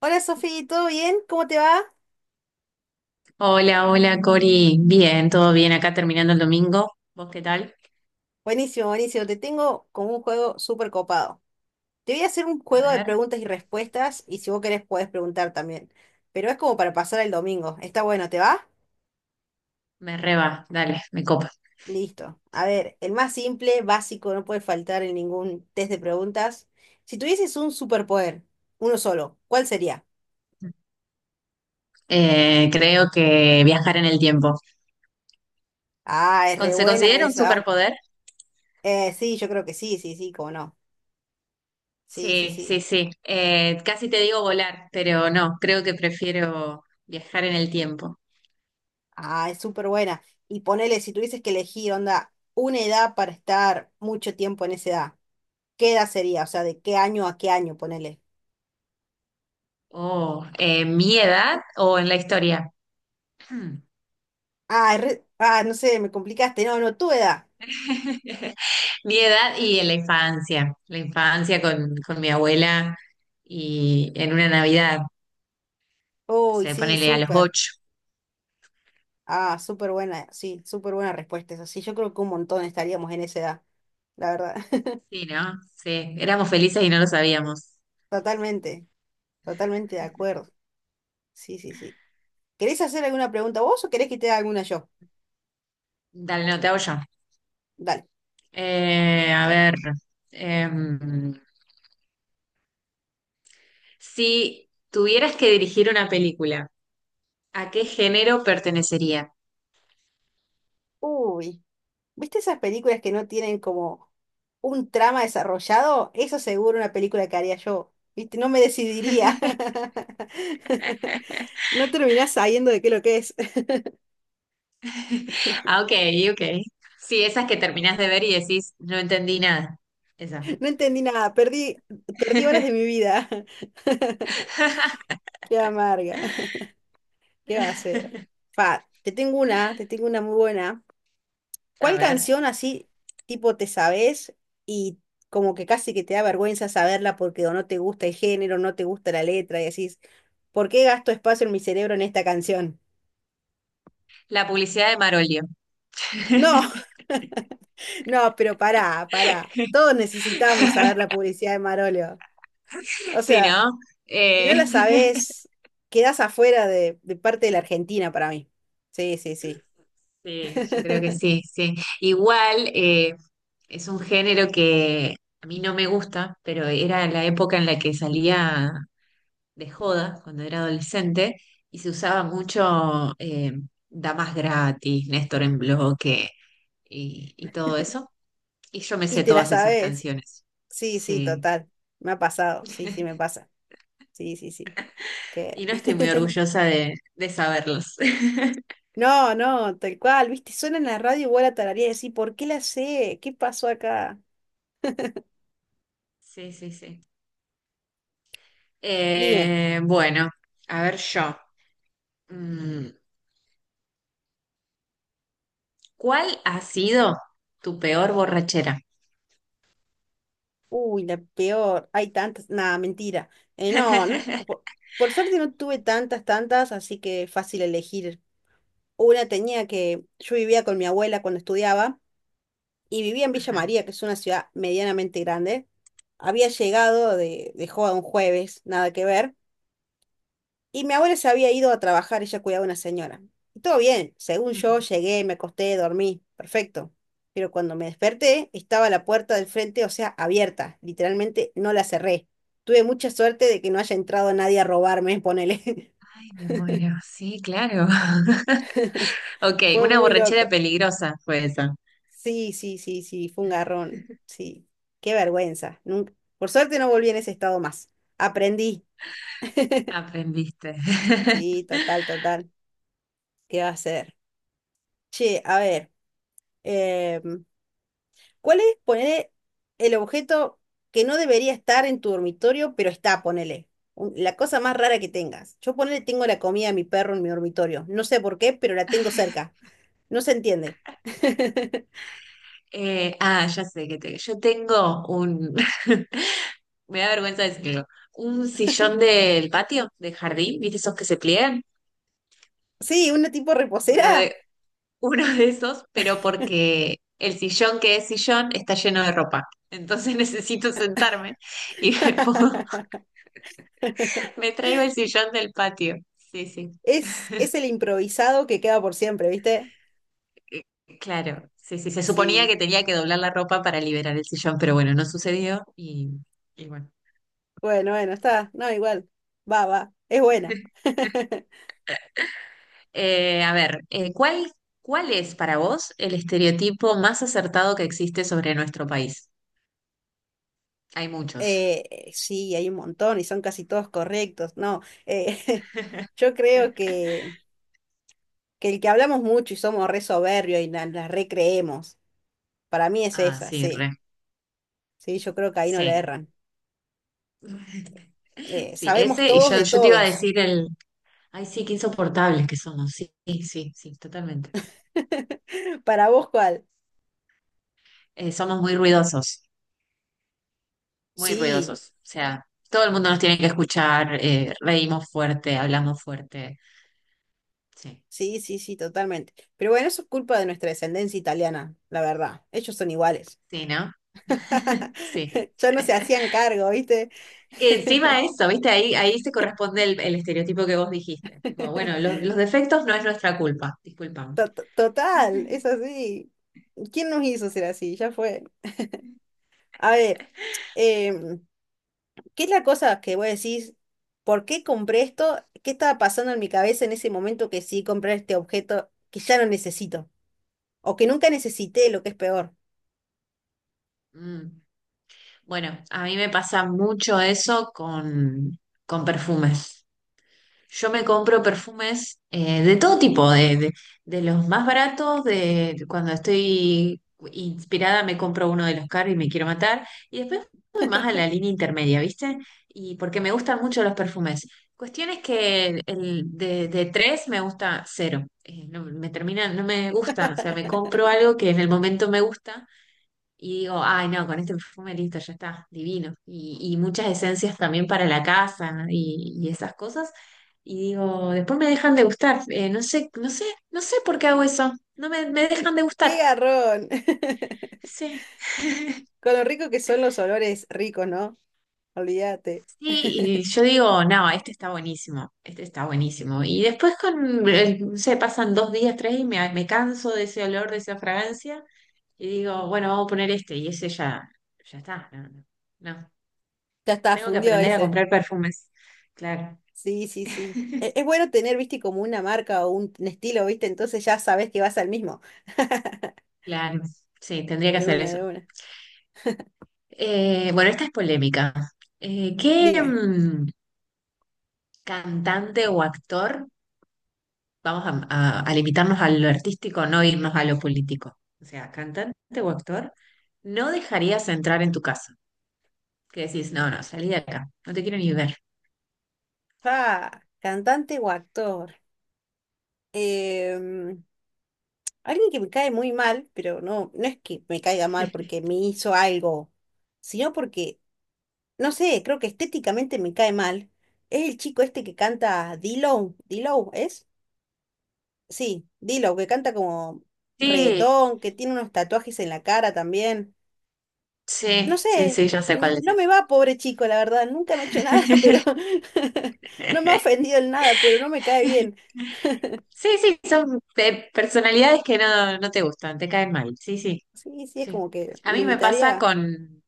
Hola Sofi, ¿todo bien? ¿Cómo te va? Hola, hola Cori. Bien, todo bien. Acá terminando el domingo. ¿Vos qué tal? Buenísimo, buenísimo. Te tengo como un juego súper copado. Te voy a hacer un A juego de ver, preguntas y respuestas y si vos querés podés preguntar también. Pero es como para pasar el domingo. Está bueno, ¿te va? me reba. Dale, me copa. Listo. A ver, el más simple, básico, no puede faltar en ningún test de preguntas. Si tuvieses un superpoder, uno solo, ¿cuál sería? Creo que viajar en el tiempo. Ah, es re ¿Se buena considera un esa. superpoder? Sí, yo creo que sí, sí, sí, cómo no. Sí, sí, Sí, sí, sí. sí. Casi te digo volar, pero no, creo que prefiero viajar en el tiempo. Ah, es súper buena. Y ponele, si tuvieses que elegir, onda, una edad para estar mucho tiempo en esa edad, ¿qué edad sería? O sea, ¿de qué año a qué año, ponele? Oh, ¿mi edad o en la historia? Hmm. Ah, es re- ah, no sé, me complicaste. No, no, tu edad. Mi edad y en la infancia con mi abuela y en una Navidad. Uy, Se sí, ponele a los súper. 8. Ah, súper buena, sí, súper buena respuesta. Eso sí, yo creo que un montón estaríamos en esa edad, la verdad. Sí, ¿no? Sí, éramos felices y no lo sabíamos. Totalmente, totalmente de acuerdo. Sí, sí, sí. ¿Querés hacer alguna pregunta vos o querés que te haga alguna yo? Dale, no, te hago yo. Dale. A ver, em, si tuvieras que dirigir una película, ¿a qué género pertenecería? Uy. ¿Viste esas películas que no tienen como un trama desarrollado? Eso seguro una película que haría yo. ¿Viste? No me decidiría. No terminás sabiendo de qué lo que es. Ah, ok, ok. Sí, esas que terminás de ver y decís, no entendí nada. Esa. No entendí nada. Perdí, perdí horas de mi vida. Qué amarga. ¿Qué va a ser? Fa, te tengo una muy buena. A ¿Cuál ver, canción así, tipo, te sabes y como que casi que te da vergüenza saberla porque o no te gusta el género, no te gusta la letra y decís, ¿por qué gasto espacio en mi cerebro en esta canción? la publicidad de Marolio. No, no, pero pará, pará. Todos necesitamos saber la publicidad de Marolio. O Sí, sea, ¿no? si no Eh, la sabes, quedás afuera de parte de la Argentina para mí. Sí, sí, sí. sí, yo creo que sí, sí. Igual es un género que a mí no me gusta, pero era la época en la que salía de joda cuando era adolescente y se usaba mucho Damas Gratis, Néstor en Bloque y todo eso. Y yo me Y sé te la todas esas sabes. canciones. Sí, sí, Sí. total. Me ha pasado. Sí, sí, me pasa. Sí, sí, sí. Que... Y no estoy muy orgullosa de saberlos. No, no, tal cual, viste, suena en la radio igual a tararía y decir, ¿por qué la sé? ¿Qué pasó acá? Sí, sí, sí. Dime. Bueno, a ver yo. Mm. ¿Cuál ha sido tu peor borrachera? Uy, la peor, hay tantas, nada, mentira. No, no, po- por, suerte no tuve tantas, tantas, así que fácil elegir. Una tenía que, yo vivía con mi abuela cuando estudiaba y vivía en Villa Ajá. María, que es una ciudad medianamente grande. Había llegado de joda un jueves, nada que ver. Y mi abuela se había ido a trabajar, ella cuidaba a una señora. Y todo bien, según Ujú. yo llegué, me acosté, dormí, perfecto. Pero cuando me desperté, estaba la puerta del frente, o sea, abierta. Literalmente no la cerré. Tuve mucha suerte de que no haya entrado nadie a robarme, ponele. Ay, me muero. Sí, claro. Ok, Fue una muy borrachera loco. peligrosa fue esa. Sí, sí, sí, sí, fue un garrón. Sí, qué vergüenza. Nunca... Por suerte no volví en ese estado más. Aprendí. Aprendiste. Sí, total, total. ¿Qué va a hacer? Che, a ver. em, ¿Cuál es, ponele, el objeto que no debería estar en tu dormitorio, pero está, ponele? Un- La cosa más rara que tengas. Yo ponele, tengo la comida de mi perro en mi dormitorio. No sé por qué, pero la tengo cerca. No se entiende. Ya sé que yo tengo un, me da vergüenza decirlo, un sillón del patio, del jardín, ¿viste esos que se pliegan? Sí, una tipo Uno de, reposera. uno de esos, pero porque el sillón que es sillón está lleno de ropa. Entonces necesito sentarme y me traigo el sillón del patio. Sí, sí. Es el improvisado que queda por siempre, ¿viste? Eh, Claro, sí, sí. Se suponía que Sí. tenía que doblar la ropa para liberar el sillón, pero bueno, no sucedió y bueno. Bueno, bueno, Sí. está. No, igual. Va, va. Es buena. A ver, ¿cuál es para vos el estereotipo más acertado que existe sobre nuestro país? Hay muchos. Sí, hay un montón y son casi todos correctos. No, eh, yo creo que el que hablamos mucho y somos re soberbios y na- la, recreemos, para mí es Ah, esa, sí, sí. re. Sí, yo creo que ahí no le Sí. erran. Sí, Sabemos ese, todos de yo te iba a todos. decir ay sí, qué insoportables que somos, sí, sí, sí, totalmente. ¿Para vos cuál? Somos muy Sí, ruidosos, o sea, todo el mundo nos tiene que escuchar, reímos fuerte, hablamos fuerte, sí, sí, sí, sí, totalmente. Pero bueno, eso es culpa de nuestra descendencia italiana, la verdad. Ellos son iguales. sí, ¿no? Sí. Ya no se hacían cargo, ¿viste? Que encima eso, ¿viste? Ahí se corresponde el estereotipo que vos dijiste, tipo, bueno, los defectos no es nuestra culpa, disculpame. To- to- Total, es así. ¿Quién nos hizo ser así? Ya fue. A ver, em, ¿qué es la cosa que vos decís? ¿Por qué compré esto? ¿Qué estaba pasando en mi cabeza en ese momento que sí compré este objeto que ya no necesito? O que nunca necesité, lo que es peor. Mm. Bueno, a mí me pasa mucho eso con perfumes. Yo me compro perfumes de todo tipo, de los más baratos, de cuando estoy inspirada me compro uno de los caros y me quiero matar, y después voy más a la línea intermedia, ¿viste? Y porque me gustan mucho los perfumes. Cuestión es que el de tres me gusta cero. No, me termina, no me gusta, o sea, me compro algo que en el momento me gusta y digo, ay, no, con este perfume listo, ya está, divino. Y muchas esencias también para la casa, ¿no? Y esas cosas. Y digo, después me dejan de gustar. No sé, no sé, no sé por qué hago eso. No me, me dejan de ¡Qué gustar. garrón! Sí. Con lo rico que son los olores ricos, ¿no? Olvídate. Sí, y yo digo, no, este está buenísimo, este está buenísimo. Y después con, no sé, pasan 2 días, tres y me canso de ese olor, de esa fragancia. Y digo, bueno, vamos a poner este. Y ese ya, ya está. No, no, no. Ya está, Tengo que fundió aprender a ese. comprar perfumes. Claro, Sí, sí, sí. E- Es bueno tener, viste, como una marca o un estilo, viste, entonces ya sabes que vas al mismo. claro. Sí, tendría que De hacer una, eso. de una. Bueno, esta es polémica. Eh, ¿qué Dime. mm, cantante o actor, vamos a, a limitarnos a lo artístico, no irnos a lo político? O sea, cantante o actor, no dejarías entrar en tu casa. Que decís, no, no, salí de acá, no te quiero ni ver. Ah, cantante o actor. Em, Alguien que me cae muy mal, pero no, no es que me caiga mal porque me hizo algo, sino porque, no sé, creo que estéticamente me cae mal. Es el chico este que canta D-Lo. D-Lo, ¿es? Sí, D-Lo, que canta como Sí, reggaetón, que tiene unos tatuajes en la cara también. No sí, sí, sé, sí, yo sé n- cuál es. no me Ese. va, pobre chico, la verdad. Nunca me ha hecho nada, pero no me ha ofendido en nada, pero no me cae bien. Sí, sí, son personalidades que no, no te gustan, te caen mal. Sí, sí. Sí, sí, es Sí. como que A lo mí me pasa invitaría.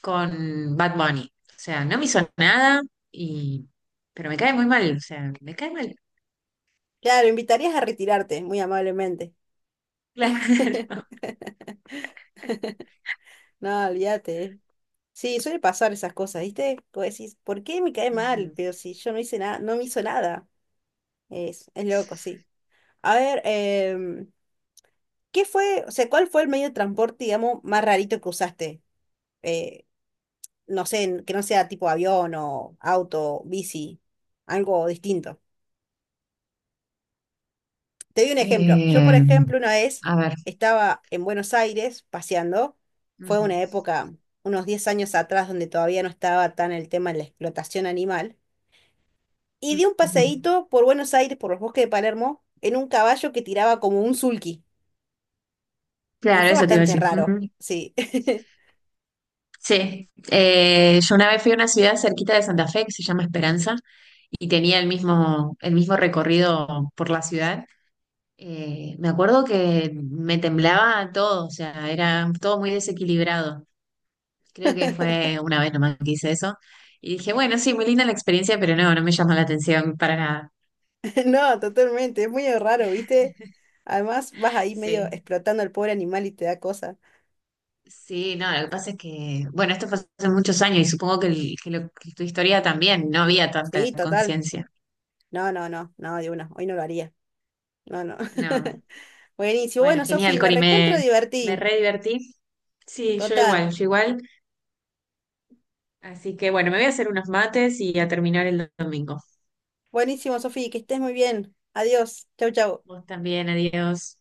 con Bad Bunny. O sea, no me hizo nada, y, pero me cae muy mal. O sea, me cae mal. Claro, lo invitarías a retirarte, muy amablemente. Claro. No, olvídate. Sí, suele pasar esas cosas, ¿viste? Como decís, ¿por qué me cae mal? Ujú. Pero si yo no hice nada, no me hizo nada. Es loco, sí. A ver, ¿qué fue, o sea, cuál fue el medio de transporte, digamos, más rarito que usaste? Eh, no sé, que no sea tipo avión o auto, bici, algo distinto. Te doy un ejemplo. Yo, por Eh, ejemplo, una vez a ver, estaba en Buenos Aires paseando. Fue ujú, una época, unos 10 años atrás, donde todavía no estaba tan el tema de la explotación animal. Y di un ujú. paseíto por Buenos Aires, por los bosques de Palermo, en un caballo que tiraba como un sulky. Y Claro, fue eso te iba a bastante decir. raro. Ujú. Sí. Sí. Yo una vez fui a una ciudad cerquita de Santa Fe que se llama Esperanza y tenía el mismo recorrido por la ciudad. Me acuerdo que me temblaba todo, o sea, era todo muy desequilibrado. Creo que fue una vez nomás que hice eso. Y dije, bueno, sí, muy linda la experiencia, pero no, no me llamó la atención para nada. No, totalmente. Es muy raro, ¿viste? Además, vas ahí medio Sí, explotando al pobre animal y te da cosa. sí, no, lo que pasa es que, bueno, esto fue hace muchos años y supongo que, que tu historia también, no había tanta Sí, total. conciencia. No, no, no, no, de una. Hoy no lo haría. No, no. No, Buenísimo. bueno, Bueno, Sofi, genial, me Cori, recontra me divertí. re divertí. Sí, yo Total. igual, yo igual. Así que bueno, me voy a hacer unos mates y a terminar el domingo. Buenísimo, Sofi, que estés muy bien. Adiós. Chau, chau. Vos también, adiós.